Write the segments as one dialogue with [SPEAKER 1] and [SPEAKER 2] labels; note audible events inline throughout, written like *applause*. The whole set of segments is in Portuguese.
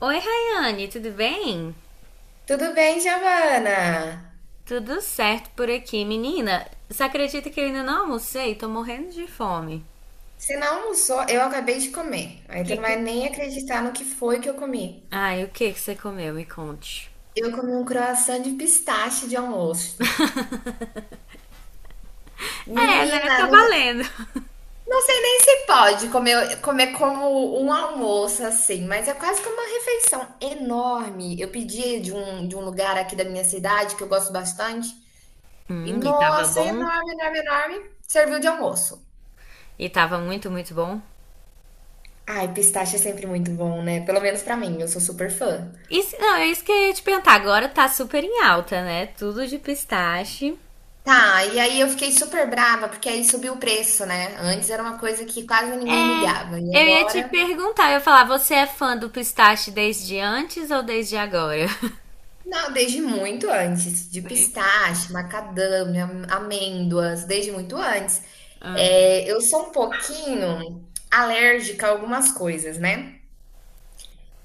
[SPEAKER 1] Oi, Rayane, tudo bem?
[SPEAKER 2] Tudo bem, Giovana?
[SPEAKER 1] Tudo certo por aqui, menina. Você acredita que eu ainda não almocei? Tô morrendo de fome.
[SPEAKER 2] Você não almoçou? Eu acabei de comer. Aí tu
[SPEAKER 1] Que
[SPEAKER 2] não vai
[SPEAKER 1] que...
[SPEAKER 2] nem acreditar no que foi que eu comi.
[SPEAKER 1] Ai, o que que você comeu? Me conte.
[SPEAKER 2] Eu comi um croissant de pistache de almoço.
[SPEAKER 1] É, né?
[SPEAKER 2] Menina,
[SPEAKER 1] Tá
[SPEAKER 2] não sei,
[SPEAKER 1] valendo.
[SPEAKER 2] não sei nem se pode comer como um almoço assim, mas é quase que uma refeição enorme. Eu pedi de um lugar aqui da minha cidade que eu gosto bastante. E
[SPEAKER 1] E tava
[SPEAKER 2] nossa,
[SPEAKER 1] bom?
[SPEAKER 2] enorme, enorme, enorme. Serviu de almoço.
[SPEAKER 1] E tava muito, muito bom?
[SPEAKER 2] Ai, pistache é sempre muito bom, né? Pelo menos pra mim, eu sou super fã.
[SPEAKER 1] Isso, não, é isso que eu ia te perguntar. Agora tá super em alta, né? Tudo de pistache.
[SPEAKER 2] Tá, e aí eu fiquei super brava, porque aí subiu o preço, né? Antes era uma coisa que quase ninguém
[SPEAKER 1] É,
[SPEAKER 2] ligava, e
[SPEAKER 1] eu ia te
[SPEAKER 2] agora.
[SPEAKER 1] perguntar, eu ia falar, você é fã do pistache desde antes ou desde agora? *laughs*
[SPEAKER 2] Não, desde muito antes, de
[SPEAKER 1] Desde.
[SPEAKER 2] pistache, macadâmia, amêndoas, desde muito antes.
[SPEAKER 1] Aham,
[SPEAKER 2] É, eu sou um pouquinho alérgica a algumas coisas, né?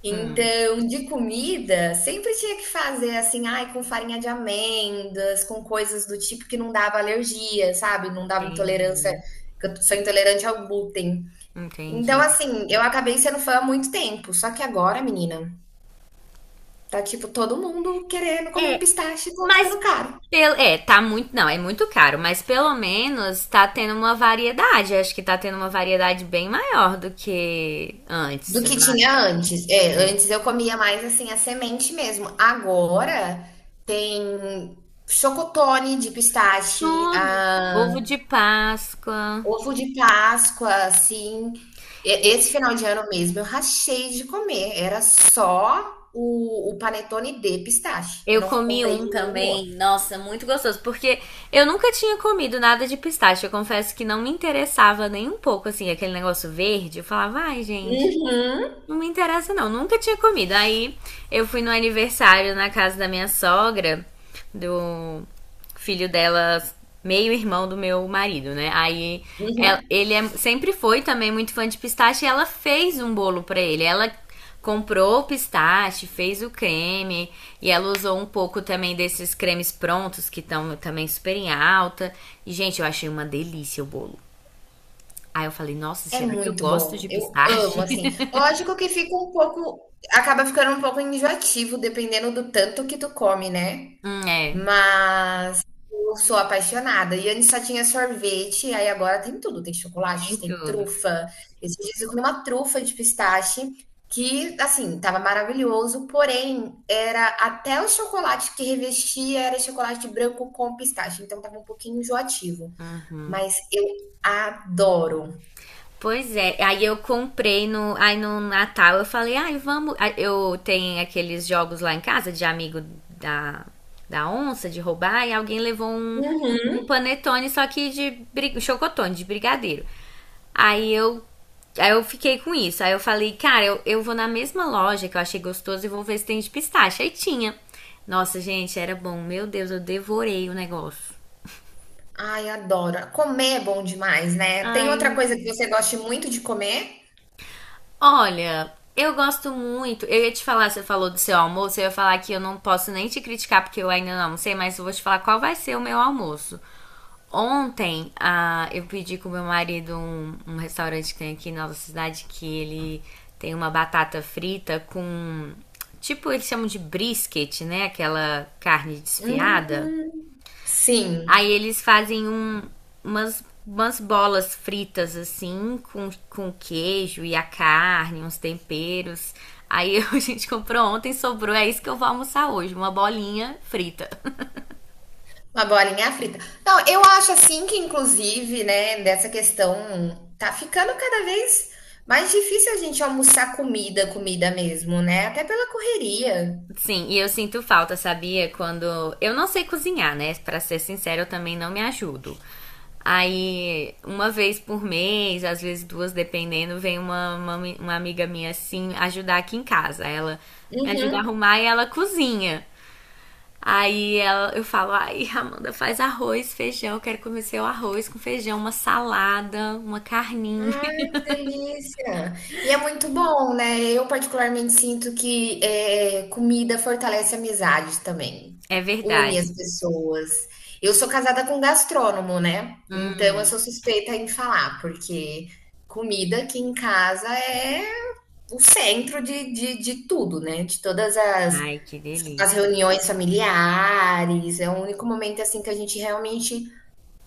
[SPEAKER 2] Então, de comida, sempre tinha que fazer assim, ai, com farinha de amêndoas, com coisas do tipo que não dava alergia, sabe? Não dava intolerância,
[SPEAKER 1] entendi.
[SPEAKER 2] que eu sou intolerante ao glúten. Então,
[SPEAKER 1] Entendi.
[SPEAKER 2] assim, eu acabei sendo fã há muito tempo, só que agora, menina, tá tipo todo mundo querendo comer pistache e tá
[SPEAKER 1] Mas
[SPEAKER 2] ficando caro.
[SPEAKER 1] pelo, é, tá muito, não, é muito caro, mas pelo menos tá tendo uma variedade. Acho que tá tendo uma variedade bem maior do que antes,
[SPEAKER 2] Do
[SPEAKER 1] sei
[SPEAKER 2] que
[SPEAKER 1] lá.
[SPEAKER 2] tinha antes. É,
[SPEAKER 1] É.
[SPEAKER 2] antes eu comia mais assim a semente mesmo. Agora tem chocotone de pistache,
[SPEAKER 1] Tudo.
[SPEAKER 2] ah,
[SPEAKER 1] Ovo de Páscoa.
[SPEAKER 2] ovo de Páscoa, assim.
[SPEAKER 1] E-
[SPEAKER 2] Esse final de ano mesmo eu rachei de comer. Era só o panetone de pistache. Eu
[SPEAKER 1] Eu
[SPEAKER 2] não
[SPEAKER 1] comi
[SPEAKER 2] comprei
[SPEAKER 1] um
[SPEAKER 2] de nenhum outro.
[SPEAKER 1] também, nossa, muito gostoso, porque eu nunca tinha comido nada de pistache. Eu confesso que não me interessava nem um pouco, assim, aquele negócio verde. Eu falava, ai, gente,
[SPEAKER 2] Uhum,
[SPEAKER 1] não me interessa, não. Nunca tinha comido. Aí eu fui no aniversário na casa da minha sogra, do filho dela, meio irmão do meu marido, né? Aí
[SPEAKER 2] uhum.
[SPEAKER 1] sempre foi também muito fã de pistache e ela fez um bolo pra ele. Ela comprou o pistache, fez o creme e ela usou um pouco também desses cremes prontos que estão também super em alta. E, gente, eu achei uma delícia o bolo. Aí eu falei, nossa,
[SPEAKER 2] É
[SPEAKER 1] será que eu
[SPEAKER 2] muito
[SPEAKER 1] gosto
[SPEAKER 2] bom,
[SPEAKER 1] de
[SPEAKER 2] eu amo,
[SPEAKER 1] pistache?
[SPEAKER 2] assim.
[SPEAKER 1] *laughs*
[SPEAKER 2] Lógico que fica um pouco acaba ficando um pouco enjoativo dependendo do tanto que tu come, né,
[SPEAKER 1] É,
[SPEAKER 2] mas eu sou apaixonada. E antes só tinha sorvete, aí agora tem tudo, tem
[SPEAKER 1] tem
[SPEAKER 2] chocolate, tem
[SPEAKER 1] tudo.
[SPEAKER 2] trufa. Esses dias eu comi uma trufa de pistache que, assim, estava maravilhoso, porém era até o chocolate que revestia era chocolate branco com pistache, então estava um pouquinho enjoativo, mas eu adoro.
[SPEAKER 1] Pois é, aí eu comprei aí no Natal, eu falei, ai, vamos, aí eu tenho aqueles jogos lá em casa de amigo da, da onça, de roubar, e alguém levou um,
[SPEAKER 2] Uhum.
[SPEAKER 1] um panetone, só que chocotone, de brigadeiro. Aí eu, aí eu fiquei com isso, aí eu falei, cara, eu vou na mesma loja que eu achei gostoso e vou ver se tem de pistache, aí tinha. Nossa, gente, era bom, meu Deus, eu devorei o negócio.
[SPEAKER 2] Ai, adoro. Comer é bom demais, né. Tem
[SPEAKER 1] Ai,
[SPEAKER 2] outra coisa que você goste muito de comer?
[SPEAKER 1] olha, eu gosto muito. Eu ia te falar, você falou do seu almoço, eu ia falar que eu não posso nem te criticar porque eu ainda não almocei, mas eu vou te falar qual vai ser o meu almoço. Ontem, ah, eu pedi com meu marido um restaurante que tem aqui na nossa cidade que ele tem uma batata frita com. Tipo, eles chamam de brisket, né? Aquela carne desfiada.
[SPEAKER 2] Hum, sim,
[SPEAKER 1] Aí eles fazem umas, umas bolas fritas, assim, com queijo e a carne, uns temperos. Aí *laughs* a gente comprou ontem, sobrou, é isso que eu vou almoçar hoje, uma bolinha frita.
[SPEAKER 2] uma bolinha frita. Não, eu acho assim que inclusive, né, dessa questão tá ficando cada vez mais difícil a gente almoçar comida, comida mesmo, né, até pela correria.
[SPEAKER 1] *laughs* Sim, e eu sinto falta, sabia? Quando. Eu não sei cozinhar, né? Pra ser sincero, eu também não me ajudo. Aí, uma vez por mês, às vezes duas, dependendo, vem uma amiga minha assim ajudar aqui em casa. Ela me ajuda a
[SPEAKER 2] Uhum.
[SPEAKER 1] arrumar e ela cozinha. Aí ela, eu falo, ai, Amanda, faz arroz, feijão, eu quero comer seu arroz com feijão, uma salada, uma carninha. *laughs*
[SPEAKER 2] Ai, que delícia! E é muito bom, né? Eu particularmente sinto que é comida fortalece amizades também,
[SPEAKER 1] É
[SPEAKER 2] une
[SPEAKER 1] verdade.
[SPEAKER 2] as pessoas. Eu sou casada com um gastrônomo, né? Então eu
[SPEAKER 1] Hum,
[SPEAKER 2] sou suspeita em falar, porque comida aqui em casa é o centro de tudo, né? De todas as,
[SPEAKER 1] ai, que
[SPEAKER 2] as
[SPEAKER 1] delícia.
[SPEAKER 2] reuniões familiares, é o único momento assim que a gente realmente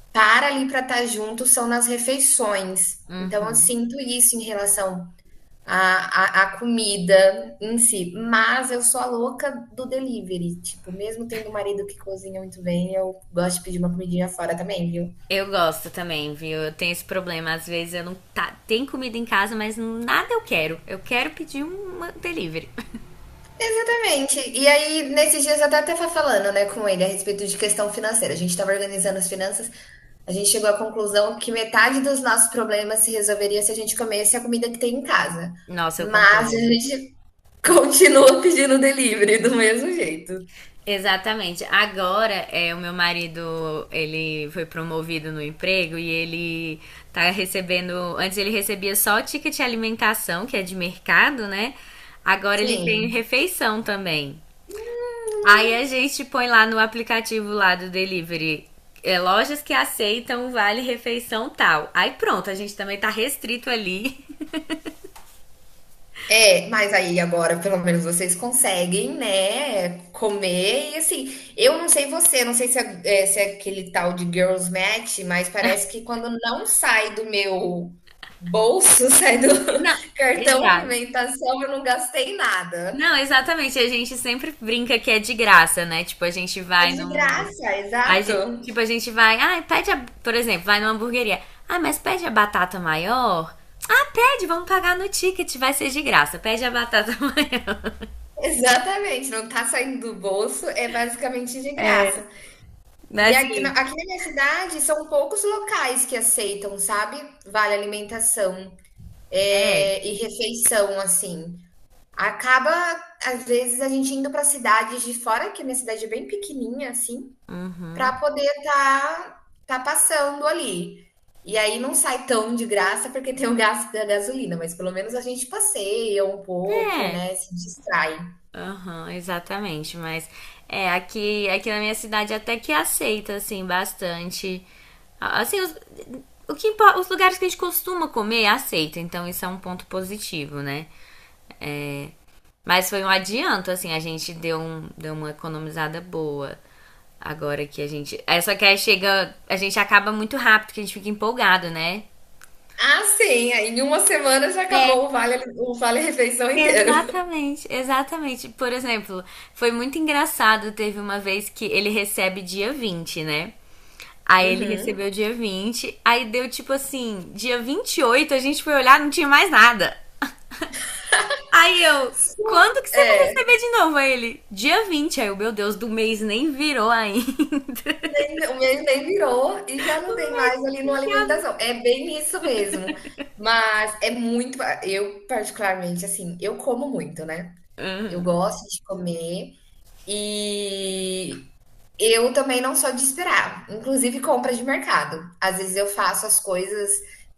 [SPEAKER 2] estar ali para estar junto são nas refeições. Então, eu sinto isso em relação à comida em si. Mas eu sou a louca do delivery. Tipo, mesmo tendo um marido que cozinha muito bem, eu gosto de pedir uma comidinha fora também, viu?
[SPEAKER 1] Eu gosto também, viu? Eu tenho esse problema. Às vezes eu não tá, tem comida em casa, mas nada eu quero. Eu quero pedir um delivery.
[SPEAKER 2] Exatamente. E aí, nesses dias, eu até estava falando né, com ele a respeito de questão financeira. A gente estava organizando as finanças. A gente chegou à conclusão que metade dos nossos problemas se resolveria se a gente comesse a comida que tem em casa.
[SPEAKER 1] *laughs* Nossa, eu
[SPEAKER 2] Mas a
[SPEAKER 1] concordo.
[SPEAKER 2] gente continua pedindo delivery do mesmo jeito.
[SPEAKER 1] Exatamente. Agora, é, o meu marido, ele foi promovido no emprego e ele tá recebendo, antes ele recebia só o ticket de alimentação, que é de mercado, né? Agora ele tem
[SPEAKER 2] Sim,
[SPEAKER 1] refeição também. Aí a gente põe lá no aplicativo lá do delivery, é, lojas que aceitam vale refeição tal. Aí pronto, a gente também tá restrito ali.
[SPEAKER 2] é, mas aí agora pelo menos vocês conseguem, né, comer e assim, eu não sei você, não sei se é aquele tal de girls match, mas parece que quando não sai do meu bolso, *laughs* sai do
[SPEAKER 1] *laughs* Não,
[SPEAKER 2] cartão
[SPEAKER 1] exato.
[SPEAKER 2] alimentação, eu não gastei nada.
[SPEAKER 1] Não, exatamente. A gente sempre brinca que é de graça, né? Tipo, a gente
[SPEAKER 2] É
[SPEAKER 1] vai
[SPEAKER 2] de
[SPEAKER 1] num.
[SPEAKER 2] graça,
[SPEAKER 1] A
[SPEAKER 2] exato.
[SPEAKER 1] gente, tipo, a gente vai, ah, pede, a, por exemplo, vai numa hamburgueria. Ah, mas pede a batata maior? Ah, pede, vamos pagar no ticket, vai ser de graça. Pede a batata *laughs* maior.
[SPEAKER 2] Exatamente, não tá saindo do bolso, é basicamente de graça. E
[SPEAKER 1] Mas,
[SPEAKER 2] aqui na
[SPEAKER 1] assim,
[SPEAKER 2] aqui na minha cidade são poucos locais que aceitam, sabe, vale alimentação,
[SPEAKER 1] é.
[SPEAKER 2] e refeição, assim. Acaba, às vezes, a gente indo para cidades de fora, que a minha cidade é bem pequenininha, assim, para poder estar passando ali. E aí não sai tão de graça, porque tem o gasto da gasolina, mas pelo menos a gente passeia um pouco,
[SPEAKER 1] É.
[SPEAKER 2] né, se distrai.
[SPEAKER 1] Aham, exatamente. Mas é, aqui na minha cidade até que aceita, assim, bastante. Assim, o que, os lugares que a gente costuma comer aceita, então isso é um ponto positivo, né? Mas foi um adianto, assim, a gente deu, um, deu uma economizada boa. Agora que a gente. É só que aí chega. A gente acaba muito rápido, que a gente fica empolgado, né?
[SPEAKER 2] Ah, sim, aí em uma semana já acabou
[SPEAKER 1] É,
[SPEAKER 2] o vale refeição inteiro.
[SPEAKER 1] exatamente, exatamente. Por exemplo, foi muito engraçado. Teve uma vez que ele recebe dia 20 né? Aí ele
[SPEAKER 2] Uhum.
[SPEAKER 1] recebeu dia 20 aí deu tipo assim, dia 28 a gente foi olhar, não tinha mais nada. Aí eu, quando que você vai
[SPEAKER 2] É,
[SPEAKER 1] receber de novo? Aí ele, dia 20. Aí eu, meu Deus, do mês nem virou ainda.
[SPEAKER 2] o meu nem virou e já não tem mais ali no
[SPEAKER 1] Associado.
[SPEAKER 2] alimentação. É bem isso mesmo. Mas é muito. Eu, particularmente, assim, eu como muito, né? Eu gosto de comer. E eu também não sou de esperar, inclusive compra de mercado. Às vezes eu faço as coisas,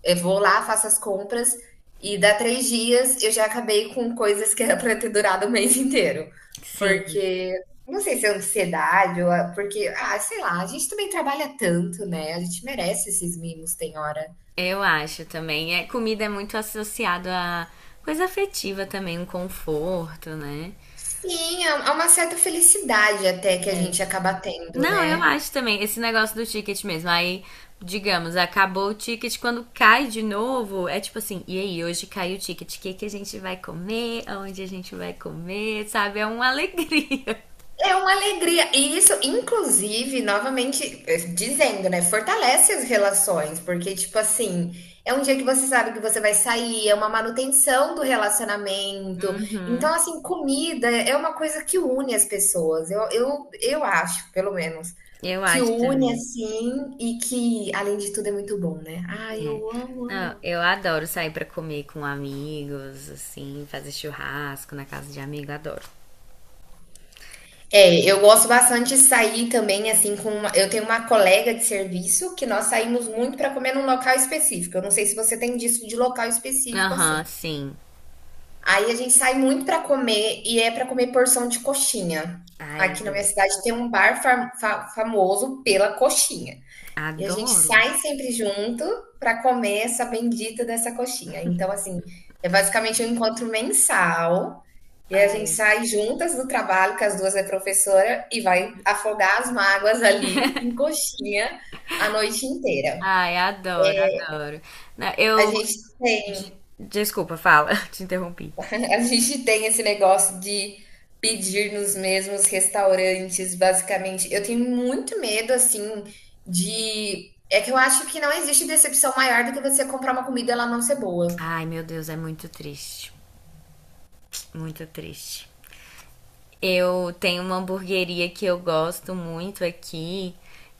[SPEAKER 2] eu vou lá, faço as compras e dá 3 dias eu já acabei com coisas que era para ter durado o mês inteiro.
[SPEAKER 1] Sim,
[SPEAKER 2] Porque não sei se é ansiedade ou porque, ah, sei lá, a gente também trabalha tanto, né? A gente merece esses mimos, tem hora.
[SPEAKER 1] eu acho também. É, comida é muito associado a coisa afetiva também, um conforto, né?
[SPEAKER 2] Sim, há é uma certa felicidade até que a
[SPEAKER 1] É.
[SPEAKER 2] gente acaba tendo,
[SPEAKER 1] Não, eu
[SPEAKER 2] né?
[SPEAKER 1] acho também. Esse negócio do ticket mesmo. Aí, digamos, acabou o ticket, quando cai de novo, é tipo assim, e aí, hoje caiu o ticket, o que que a gente vai comer? Aonde a gente vai comer? Sabe? É uma alegria. *laughs*
[SPEAKER 2] É uma alegria. E isso, inclusive, novamente dizendo, né? Fortalece as relações, porque, tipo assim, é um dia que você sabe que você vai sair, é uma manutenção do relacionamento.
[SPEAKER 1] Uhum,
[SPEAKER 2] Então, assim, comida é uma coisa que une as pessoas. Eu acho, pelo menos,
[SPEAKER 1] eu
[SPEAKER 2] que
[SPEAKER 1] acho
[SPEAKER 2] une,
[SPEAKER 1] também.
[SPEAKER 2] assim, e que, além de tudo, é muito bom, né? Ah, eu
[SPEAKER 1] É.
[SPEAKER 2] amo,
[SPEAKER 1] Não,
[SPEAKER 2] amo,
[SPEAKER 1] eu adoro sair pra comer com amigos, assim, fazer churrasco na casa de amigo, adoro.
[SPEAKER 2] É, eu gosto bastante de sair também, assim, com uma eu tenho uma colega de serviço que nós saímos muito para comer num local específico. Eu não sei se você tem disso de local específico,
[SPEAKER 1] Aham,
[SPEAKER 2] assim.
[SPEAKER 1] sim.
[SPEAKER 2] Aí a gente sai muito para comer e é para comer porção de coxinha.
[SPEAKER 1] Ai,
[SPEAKER 2] Aqui na minha
[SPEAKER 1] adoro.
[SPEAKER 2] cidade tem um bar fa fa famoso pela coxinha. E a gente
[SPEAKER 1] Adoro.
[SPEAKER 2] sai sempre junto para comer essa bendita dessa coxinha. Então, assim, é basicamente um encontro mensal e a gente
[SPEAKER 1] Ai,
[SPEAKER 2] sai juntas do trabalho, que as duas é professora, e vai afogar as mágoas ali em coxinha a noite inteira.
[SPEAKER 1] ai, adoro, adoro. Não,
[SPEAKER 2] A
[SPEAKER 1] eu.
[SPEAKER 2] gente tem,
[SPEAKER 1] Desculpa, fala, *laughs* te interrompi.
[SPEAKER 2] *laughs* a gente tem esse negócio de pedir nos mesmos restaurantes, basicamente. Eu tenho muito medo, assim, de. É que eu acho que não existe decepção maior do que você comprar uma comida e ela não ser boa.
[SPEAKER 1] Ai, meu Deus, é muito triste. Muito triste. Eu tenho uma hamburgueria que eu gosto muito aqui,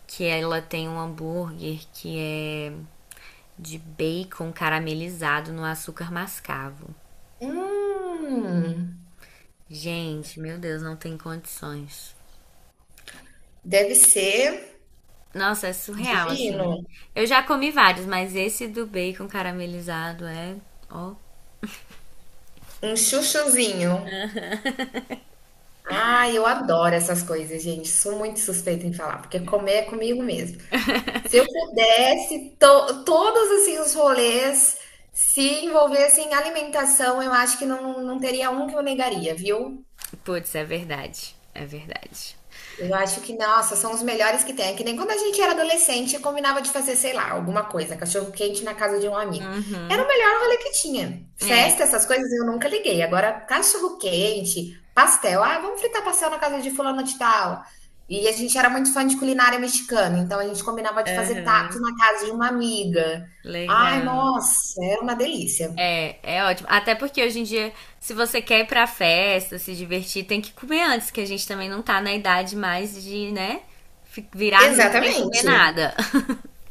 [SPEAKER 1] que ela tem um hambúrguer que é de bacon caramelizado no açúcar mascavo.
[SPEAKER 2] Hum,
[SPEAKER 1] Gente, meu Deus, não tem condições.
[SPEAKER 2] deve ser
[SPEAKER 1] Nossa, é surreal, assim.
[SPEAKER 2] divino.
[SPEAKER 1] Eu já comi vários, mas esse do bacon caramelizado é. Ó.
[SPEAKER 2] Um chuchuzinho. Ah, eu adoro essas coisas, gente. Sou muito suspeita em falar, porque comer é comigo mesmo. Se eu pudesse, todos assim os rolês se envolvessem em alimentação, eu acho que não, não teria um que eu negaria, viu?
[SPEAKER 1] Putz, é verdade. É verdade.
[SPEAKER 2] Eu acho que, nossa, são os melhores que tem. É que nem quando a gente era adolescente, combinava de fazer, sei lá, alguma coisa, cachorro quente na casa de um amigo. Era
[SPEAKER 1] Uhum.
[SPEAKER 2] o melhor rolê que tinha.
[SPEAKER 1] É.
[SPEAKER 2] Festa, essas coisas eu nunca liguei. Agora, cachorro quente, pastel. Ah, vamos fritar pastel na casa de fulano de tal. E a gente era muito fã de culinária mexicana, então a gente combinava de fazer tacos
[SPEAKER 1] Aham.
[SPEAKER 2] na casa de uma amiga. Ai,
[SPEAKER 1] Legal.
[SPEAKER 2] nossa, era uma delícia.
[SPEAKER 1] É, é ótimo. Até porque hoje em dia, se você quer ir pra festa, se divertir, tem que comer antes, que a gente também não tá na idade mais de, né, virar a noite sem comer
[SPEAKER 2] Exatamente.
[SPEAKER 1] nada.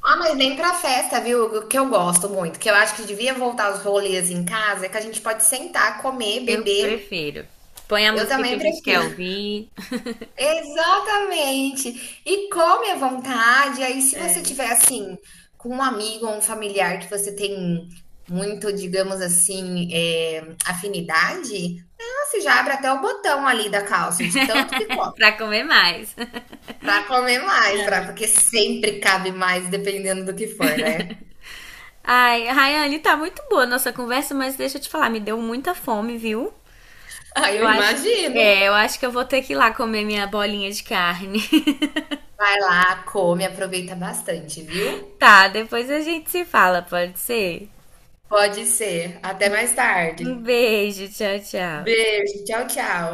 [SPEAKER 2] Ah, mas nem pra festa, viu? O que eu gosto muito, que eu acho que devia voltar os rolês em casa, é que a gente pode sentar, comer,
[SPEAKER 1] Eu
[SPEAKER 2] beber.
[SPEAKER 1] prefiro. Põe a
[SPEAKER 2] Eu
[SPEAKER 1] música que
[SPEAKER 2] também
[SPEAKER 1] a gente quer
[SPEAKER 2] prefiro.
[SPEAKER 1] ouvir.
[SPEAKER 2] *laughs* Exatamente. E come à vontade. Aí, se você
[SPEAKER 1] É.
[SPEAKER 2] tiver assim, com um amigo ou um familiar que você tem muito, digamos assim, é, afinidade, ah, você já abre até o botão ali da calça, de tanto que come.
[SPEAKER 1] *laughs* Pra comer mais.
[SPEAKER 2] Pra comer mais, pra, porque sempre cabe mais, dependendo do que for, né?
[SPEAKER 1] Ai, Rayane, tá muito boa a nossa conversa, mas deixa eu te falar, me deu muita fome, viu?
[SPEAKER 2] *laughs* Aí eu
[SPEAKER 1] Eu acho,
[SPEAKER 2] imagino.
[SPEAKER 1] é, eu acho que eu vou ter que ir lá comer minha bolinha de carne. *laughs*
[SPEAKER 2] Vai lá, come, aproveita bastante, viu?
[SPEAKER 1] Tá, depois a gente se fala, pode ser?
[SPEAKER 2] Pode ser. Até mais tarde.
[SPEAKER 1] Um beijo, tchau, tchau.
[SPEAKER 2] Beijo, tchau, tchau.